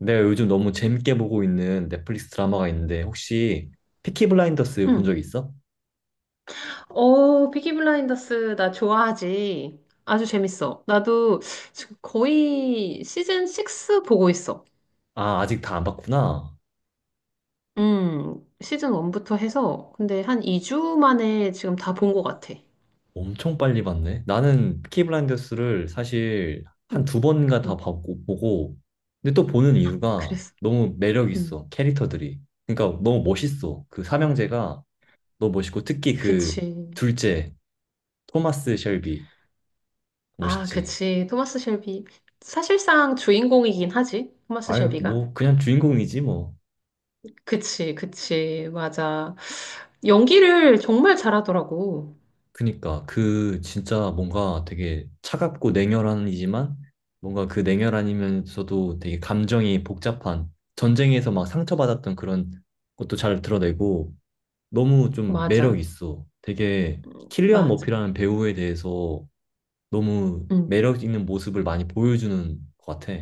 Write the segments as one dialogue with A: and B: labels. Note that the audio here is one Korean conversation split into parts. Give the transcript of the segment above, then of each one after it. A: 내가 요즘 너무 재밌게 보고 있는 넷플릭스 드라마가 있는데 혹시 피키 블라인더스 본
B: 응.
A: 적 있어?
B: 피키 블라인더스 나 좋아하지. 아주 재밌어. 나도 지금 거의 시즌 6 보고 있어.
A: 아, 아직 다 안 봤구나.
B: 시즌 1부터 해서 근데 한 2주 만에 지금 다 본 것 같아.
A: 엄청 빨리 봤네. 나는 피키 블라인더스를 사실 한
B: 응,
A: 두 번인가 다
B: 응.
A: 봤고 보고 근데 또 보는 이유가
B: 그랬어.
A: 너무 매력
B: 응.
A: 있어. 캐릭터들이. 그러니까 너무 멋있어. 그 삼형제가 너무 멋있고 특히 그
B: 그치.
A: 둘째 토마스 셸비
B: 아,
A: 멋있지.
B: 그치. 토마스 셸비. 사실상 주인공이긴 하지. 토마스
A: 아유,
B: 셸비가.
A: 뭐 그냥 주인공이지 뭐.
B: 그치, 그치. 맞아. 연기를 정말 잘하더라고.
A: 그니까 그 진짜 뭔가 되게 차갑고 냉혈한이지만 뭔가 그 냉혈한이면서도 되게 감정이 복잡한 전쟁에서 막 상처받았던 그런 것도 잘 드러내고 너무 좀 매력
B: 맞아.
A: 있어. 되게 킬리안
B: 맞아.
A: 머피라는 배우에 대해서 너무
B: 응.
A: 매력 있는 모습을 많이 보여주는 것 같아.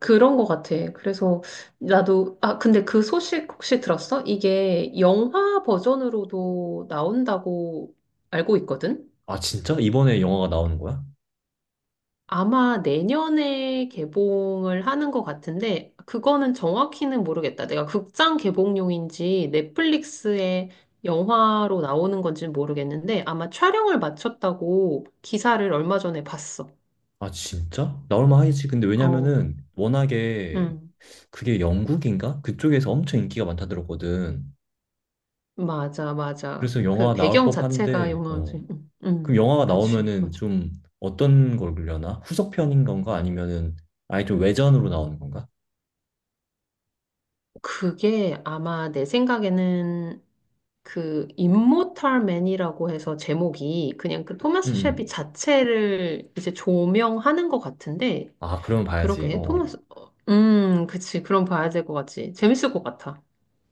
B: 그런 것 같아. 그래서 근데 그 소식 혹시 들었어? 이게 영화 버전으로도 나온다고 알고 있거든?
A: 아 진짜? 이번에 영화가 나오는 거야?
B: 아마 내년에 개봉을 하는 것 같은데, 그거는 정확히는 모르겠다. 내가 극장 개봉용인지 넷플릭스에 영화로 나오는 건지는 모르겠는데, 아마 촬영을 마쳤다고 기사를 얼마 전에 봤어.
A: 아 진짜? 나올만 하겠지. 근데
B: 어,
A: 왜냐면은 워낙에
B: 음.
A: 그게 영국인가? 그쪽에서 엄청 인기가 많다 들었거든.
B: 맞아, 맞아.
A: 그래서
B: 그
A: 영화 나올
B: 배경 자체가
A: 법한데,
B: 영화지.
A: 어. 그럼 영화가
B: 그치,
A: 나오면은
B: 맞아.
A: 좀 어떤 걸그려나 후속편인 건가? 아니면은 아예 좀 외전으로 나오는 건가?
B: 그게 아마 내 생각에는 그 임모탈 맨이라고 해서 제목이 그냥 그
A: 음.
B: 토마스 쉘비
A: 음.
B: 자체를 이제 조명하는 것 같은데.
A: 아, 그러면 봐야지. 어.
B: 그러게.
A: 어.
B: 토마스, 그치, 그럼 봐야 될 것 같지. 재밌을 것 같아.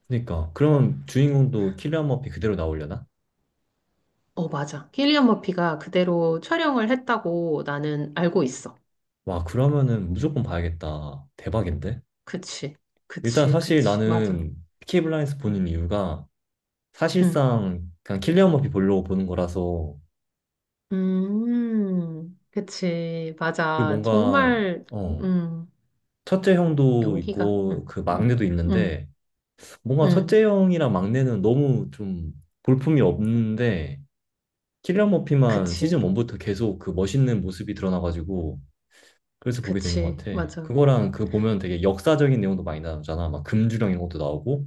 A: 그러니까 그러면 주인공도 킬리안 머피 그대로 나오려나?
B: 어, 맞아. 킬리안 머피가 그대로 촬영을 했다고 나는 알고 있어.
A: 와, 그러면은 무조건 봐야겠다. 대박인데?
B: 그치,
A: 일단
B: 그치,
A: 사실
B: 그치. 맞아.
A: 나는 피키 블라인드 보는
B: 음.
A: 이유가
B: 음.
A: 사실상 그냥 킬리안 머피 보려고 보는 거라서
B: 그치.
A: 그
B: 맞아.
A: 뭔가
B: 정말,
A: 어,
B: 음,
A: 첫째 형도
B: 연기가
A: 있고 그 막내도
B: 음,
A: 있는데 뭔가 첫째
B: 음,
A: 형이랑 막내는 너무 좀 볼품이 없는데 킬리안 머피만
B: 그치.
A: 시즌 1부터 계속 그 멋있는 모습이 드러나가지고 그래서 보게 되는 것
B: 그치.
A: 같아.
B: 맞아.
A: 그거랑 그 보면 되게 역사적인 내용도 많이 나오잖아. 막 금주령 이런 것도 나오고.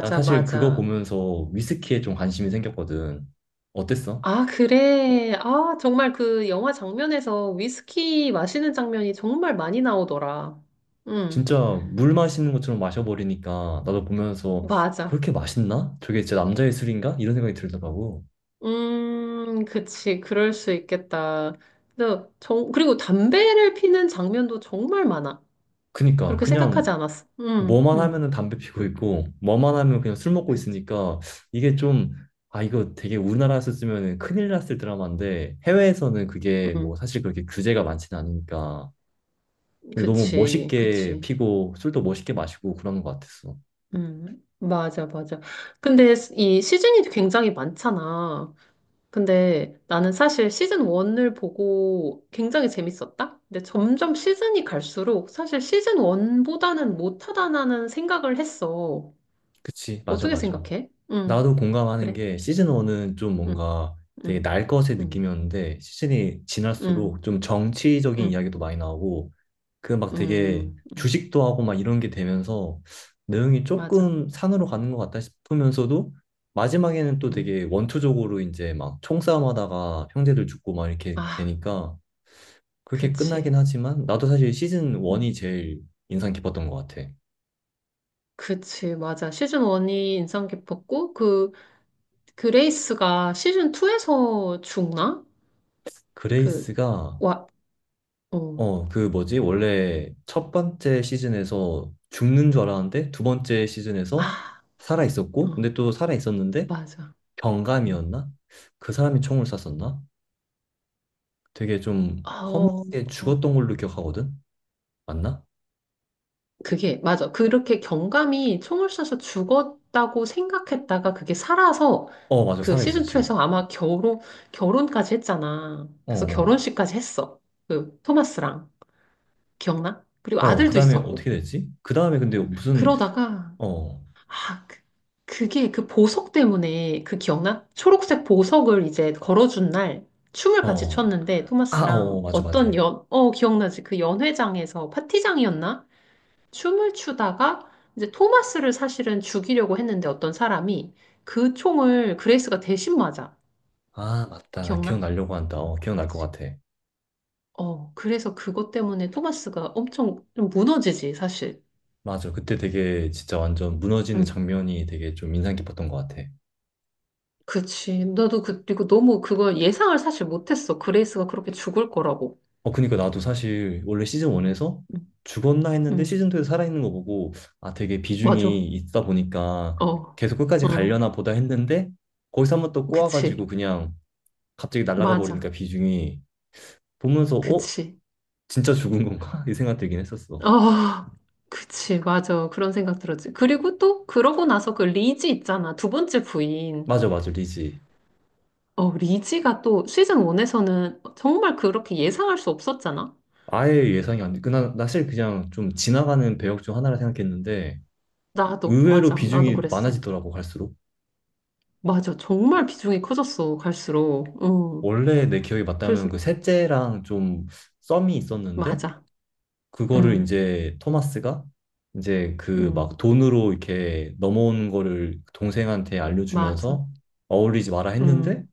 A: 난 사실 그거
B: 맞아.
A: 보면서 위스키에 좀 관심이 생겼거든. 어땠어?
B: 아, 그래. 아, 정말 그 영화 장면에서 위스키 마시는 장면이 정말 많이 나오더라. 음,
A: 진짜 물 마시는 것처럼 마셔버리니까 나도 보면서
B: 맞아.
A: 그렇게 맛있나? 저게 진짜 남자의 술인가? 이런 생각이 들더라고.
B: 그치. 그럴 수 있겠다. 근데 그리고 담배를 피는 장면도 정말 많아.
A: 그니까
B: 그렇게 생각하지
A: 그냥
B: 않았어,
A: 뭐만
B: 음
A: 하면은 담배 피고 있고 뭐만 하면 그냥 술 먹고
B: 그치.
A: 있으니까 이게 좀 이거 되게 우리나라에서 쓰면 큰일 났을 드라마인데 해외에서는 그게
B: 음.
A: 뭐 사실 그렇게 규제가 많지는 않으니까 근데 너무
B: 그치,
A: 멋있게
B: 그치.
A: 피고 술도 멋있게 마시고 그러는 것 같았어.
B: 맞아, 맞아. 근데 이 시즌이 굉장히 많잖아. 근데 나는 사실 시즌 1을 보고 굉장히 재밌었다? 근데 점점 시즌이 갈수록 사실 시즌 1보다는 못하다는 생각을 했어.
A: 그치. 맞아
B: 어떻게
A: 맞아.
B: 생각해? 응,
A: 나도 공감하는
B: 그래?
A: 게 시즌 1은 좀
B: 응,
A: 뭔가 되게
B: 응,
A: 날 것의
B: 응,
A: 느낌이었는데 시즌이
B: 응,
A: 지날수록 좀 정치적인
B: 응,
A: 이야기도 많이 나오고 그 막 되게
B: 응, 응,
A: 주식도 하고 막 이런 게 되면서 내용이
B: 맞아.
A: 조금 산으로 가는 것 같다 싶으면서도 마지막에는 또
B: 응.
A: 되게 원초적으로 이제 막 총싸움하다가 형제들 죽고 막 이렇게
B: 아,
A: 되니까 그렇게
B: 그치.
A: 끝나긴 하지만 나도 사실 시즌
B: 음,
A: 1이 제일 인상 깊었던 것 같아.
B: 그치, 맞아. 시즌 1이 인상 깊었고, 그레이스가 시즌 2에서 죽나? 그,
A: 그레이스가
B: 와, 어,
A: 그 뭐지? 원래 첫 번째 시즌에서 죽는 줄 알았는데 두 번째 시즌에서
B: 아,
A: 살아 있었고
B: 어,
A: 근데 또 살아 있었는데
B: 맞아. 음.
A: 경감이었나? 그 사람이 총을 쐈었나? 되게 좀
B: 아, 어,
A: 허무하게
B: 어.
A: 죽었던 걸로 기억하거든? 맞나?
B: 그게, 맞아. 그렇게 경감이 총을 쏴서 죽었다고 생각했다가 그게 살아서
A: 어, 맞아.
B: 그 시즌
A: 살아있었지.
B: 2에서 아마 결혼까지 했잖아.
A: 어,
B: 그래서
A: 어.
B: 결혼식까지 했어. 그 토마스랑. 기억나? 그리고
A: 그
B: 아들도
A: 다음에 어떻게
B: 있었고.
A: 됐지? 그 다음에 근데 무슨,
B: 그러다가
A: 어,
B: 아, 그, 그게 그 보석 때문에 그 기억나? 초록색 보석을 이제 걸어준 날 춤을 같이
A: 어.
B: 췄는데
A: 아,
B: 토마스랑
A: 맞아, 맞아.
B: 기억나지? 그 연회장에서 파티장이었나? 춤을 추다가 이제 토마스를 사실은 죽이려고 했는데 어떤 사람이 그 총을 그레이스가 대신 맞아.
A: 아, 맞다. 나
B: 기억나?
A: 기억나려고 한다. 기억날 것
B: 그치?
A: 같아.
B: 어, 그래서 그것 때문에 토마스가 엄청 좀 무너지지, 사실.
A: 맞아. 그때 되게 진짜 완전 무너지는
B: 응.
A: 장면이 되게 좀 인상 깊었던 것 같아.
B: 그치. 나도 그리고 너무 그걸 예상을 사실 못했어. 그레이스가 그렇게 죽을 거라고.
A: 그니까 나도 사실 원래 시즌 1에서
B: 음,
A: 죽었나 했는데
B: 음,
A: 시즌 2에서 살아있는 거 보고 아, 되게
B: 맞아.
A: 비중이 있다 보니까
B: 어,
A: 계속 끝까지
B: 어,
A: 가려나 보다 했는데 거기서 한번 또 꼬아가지고
B: 그치.
A: 그냥 갑자기 날아가
B: 맞아.
A: 버리니까 비중이 보면서 어?
B: 그치.
A: 진짜 죽은 건가? 이 생각 들긴 했었어.
B: 어, 그치. 맞아. 그런 생각 들었지. 그리고 또, 그러고 나서 그 리지 있잖아. 두 번째 부인.
A: 맞아, 맞아, 리지.
B: 어, 리지가 또 시즌 1에서는 정말 그렇게 예상할 수 없었잖아.
A: 아예 예상이 안 돼. 그, 나 사실 그냥 좀 지나가는 배역 중 하나라 생각했는데
B: 나도,
A: 의외로
B: 맞아. 나도
A: 비중이
B: 그랬어.
A: 많아지더라고, 갈수록.
B: 맞아. 정말 비중이 커졌어. 갈수록. 응.
A: 원래 내 기억이 맞다면
B: 그래서,
A: 그 셋째랑 좀 썸이 있었는데
B: 맞아.
A: 그거를
B: 응,
A: 이제 토마스가 이제 그
B: 응,
A: 막 돈으로 이렇게 넘어오는 거를 동생한테
B: 맞아.
A: 알려주면서 어울리지 마라 했는데
B: 응,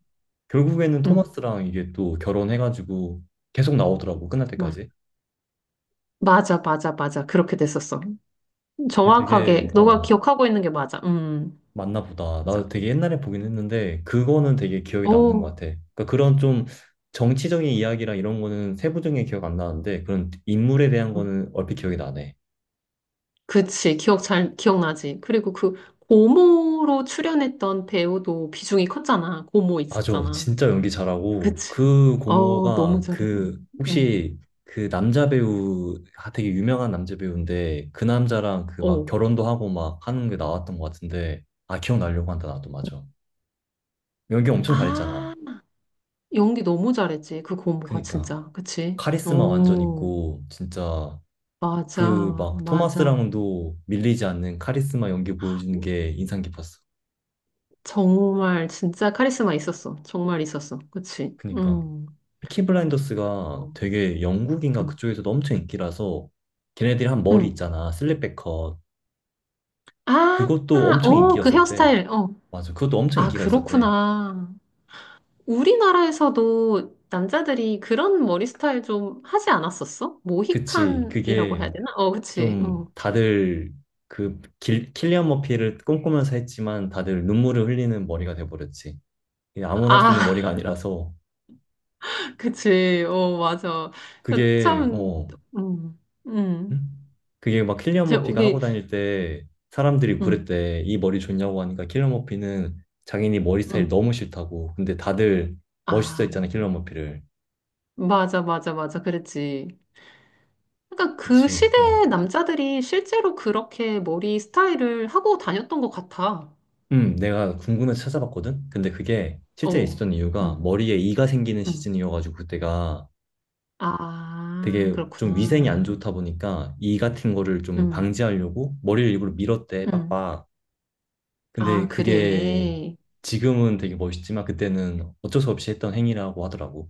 A: 결국에는
B: 응.
A: 토마스랑 이게 또 결혼해가지고 계속 나오더라고 끝날 때까지.
B: 맞아. 맞아, 맞아, 맞아. 그렇게 됐었어.
A: 근데
B: 정확하게
A: 되게
B: 너가 기억하고 있는 게 맞아.
A: 맞나 보다.
B: 맞아.
A: 나도 되게 옛날에 보긴 했는데 그거는 되게 기억에 남는 것
B: 오,
A: 같아. 그러니까 그런 좀 정치적인 이야기랑 이런 거는 세부적인 게 기억 안 나는데 그런 인물에 대한
B: 음,
A: 거는 얼핏 기억이 나네.
B: 그치. 기억 잘 기억나지. 그리고 그 고모로 출연했던 배우도 비중이 컸잖아. 고모
A: 맞아.
B: 있었잖아.
A: 진짜 연기 잘하고
B: 그치.
A: 그
B: 어, 너무
A: 고모가
B: 잘해.
A: 그
B: 음,
A: 혹시 그 남자 배우 아, 되게 유명한 남자 배우인데 그 남자랑 그 막
B: 오.
A: 결혼도 하고 막 하는 게 나왔던 것 같은데 아 기억나려고 한다 나도 맞아. 연기 엄청 잘했잖아.
B: 아, 연기 너무 잘했지. 그 고모가
A: 그니까
B: 진짜. 그치?
A: 카리스마 완전
B: 오,
A: 있고 진짜 그
B: 맞아,
A: 막
B: 맞아.
A: 토마스랑도 밀리지 않는 카리스마 연기 보여주는 게 인상 깊었어.
B: 정말 진짜 카리스마 있었어. 정말 있었어. 그치?
A: 그니까. 피키 블라인더스가
B: 어,
A: 되게 영국인가
B: 음,
A: 그쪽에서도 엄청 인기라서 걔네들이 한 머리
B: 음.
A: 있잖아. 슬립백 컷.
B: 아,
A: 그것도 엄청
B: 어, 그
A: 인기였었대.
B: 헤어스타일. 어.
A: 맞아. 그것도 엄청
B: 아,
A: 인기가 있었대.
B: 그렇구나. 우리나라에서도 남자들이 그런 머리 스타일 좀 하지 않았었어?
A: 그치.
B: 모히칸이라고
A: 그게
B: 해야 되나? 어, 그치.
A: 좀
B: 어.
A: 다들 킬리안 머피를 꿈꾸면서 했지만 다들 눈물을 흘리는 머리가 돼버렸지. 이게 아무나 할 수 있는
B: 아,
A: 머리가 아니라서
B: 그치. 어, 맞아. 그
A: 그게
B: 참,
A: 어
B: 음, 음.
A: 응 그게 막 킬리안 머피가 하고
B: 저기,
A: 다닐 때 사람들이
B: 음,
A: 그랬대. 이 머리 좋냐고 하니까 킬리안 머피는 자기네 머리 스타일
B: 음.
A: 너무 싫다고. 근데 다들 멋있어
B: 아,
A: 했잖아, 킬리안 머피를.
B: 맞아, 맞아, 맞아. 그랬지. 그러니까 그
A: 그치, 어.
B: 시대의 남자들이 실제로 그렇게 머리 스타일을 하고 다녔던 것 같아.
A: 내가 궁금해서 찾아봤거든? 근데 그게 실제
B: 어.
A: 있었던 이유가
B: 음.
A: 머리에 이가 생기는
B: 음.
A: 시즌이어가지고 그때가
B: 아,
A: 되게 좀 위생이 안
B: 그렇구나.
A: 좋다 보니까 이 같은 거를 좀
B: 응,
A: 방지하려고 머리를 일부러 밀었대,
B: 응.
A: 빡빡.
B: 아,
A: 근데 그게
B: 그래.
A: 지금은 되게 멋있지만 그때는 어쩔 수 없이 했던 행위라고 하더라고.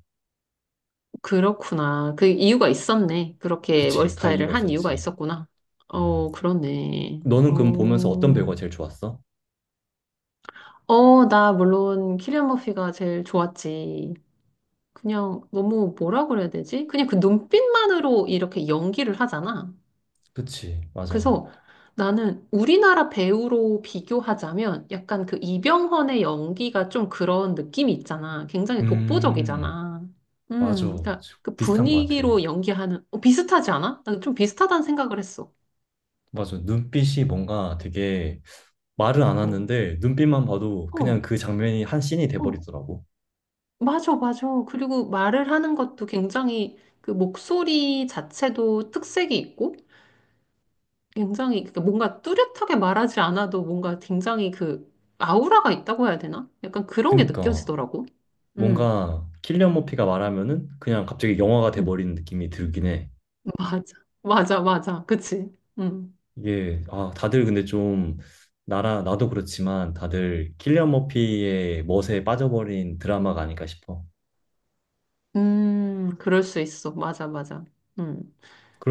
B: 그렇구나. 그 이유가 있었네. 그렇게 머리
A: 그치, 다 이유가
B: 스타일을 한 이유가
A: 있었지.
B: 있었구나.
A: 음.
B: 어, 그렇네. 어,
A: 너는 그럼 보면서 어떤 배우가 제일 좋았어?
B: 어, 나 물론 키리안 머피가 제일 좋았지. 그냥 너무 뭐라 그래야 되지? 그냥 그 눈빛만으로 이렇게 연기를 하잖아.
A: 그치, 맞아.
B: 그래서 나는 우리나라 배우로 비교하자면 약간 그 이병헌의 연기가 좀 그런 느낌이 있잖아. 굉장히
A: 음,
B: 독보적이잖아.
A: 맞아.
B: 그러니까 그
A: 비슷한 것 같아.
B: 분위기로 연기하는 비슷하지 않아? 난 좀 비슷하다는 생각을 했어.
A: 맞아. 눈빛이 뭔가 되게 말을 안
B: 어,
A: 하는데 눈빛만 봐도
B: 어,
A: 그냥 그 장면이 한 씬이
B: 어,
A: 돼버리더라고.
B: 맞아, 맞아. 그리고 말을 하는 것도 굉장히 그 목소리 자체도 특색이 있고. 굉장히 그러니까 뭔가 뚜렷하게 말하지 않아도 뭔가 굉장히 그 아우라가 있다고 해야 되나? 약간 그런 게
A: 그니까
B: 느껴지더라고. 음,
A: 뭔가 킬리안 머피가 말하면은 그냥 갑자기 영화가
B: 음,
A: 돼버리는 느낌이 들긴 해.
B: 맞아, 맞아, 맞아, 그치? 음,
A: 이게, 아, 다들 근데 좀 나도 그렇지만 다들 킬리안 머피의 멋에 빠져버린 드라마가 아닐까 싶어.
B: 그럴 수 있어, 맞아, 맞아. 음,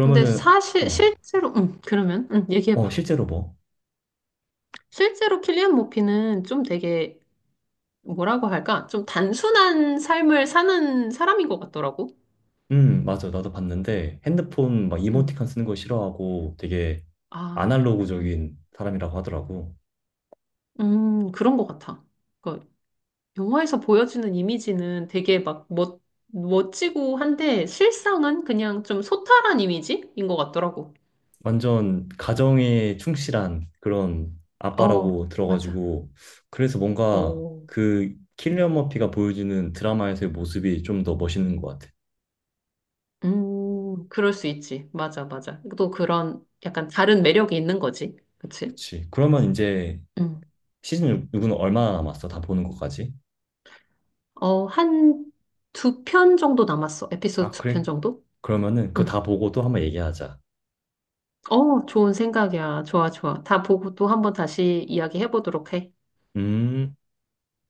B: 근데 사실
A: 어,
B: 실제로, 그러면, 얘기해봐.
A: 실제로 뭐,
B: 실제로 킬리안 모피는 좀 되게 뭐라고 할까? 좀 단순한 삶을 사는 사람인 것 같더라고.
A: 맞아 나도 봤는데 핸드폰 막
B: 음,
A: 이모티콘 쓰는 거 싫어하고 되게
B: 아, 음,
A: 아날로그적인 사람이라고 하더라고.
B: 그런 것 같아. 그러니까 영화에서 보여주는 이미지는 되게 막 멋지고 한데 실상은 그냥 좀 소탈한 이미지인 것 같더라고.
A: 완전 가정에 충실한 그런
B: 어,
A: 아빠라고
B: 맞아.
A: 들어가지고 그래서 뭔가
B: 어,
A: 그 킬리언
B: 음,
A: 머피가 보여주는 드라마에서의 모습이 좀 더 멋있는 것 같아.
B: 그럴 수 있지. 맞아, 맞아. 또 그런 약간 다른 매력이 있는 거지. 그치?
A: 그치. 그러면 이제
B: 음.
A: 시즌 6는 얼마나 남았어? 다 보는 것까지?
B: 어, 한 두 편 정도 남았어. 에피소드
A: 아,
B: 두 편
A: 그래.
B: 정도?
A: 그러면은 그거
B: 음.
A: 다 보고 또 한번 얘기하자.
B: 어, 좋은 생각이야. 좋아, 좋아. 다 보고 또 한번 다시 이야기해 보도록 해.
A: 음.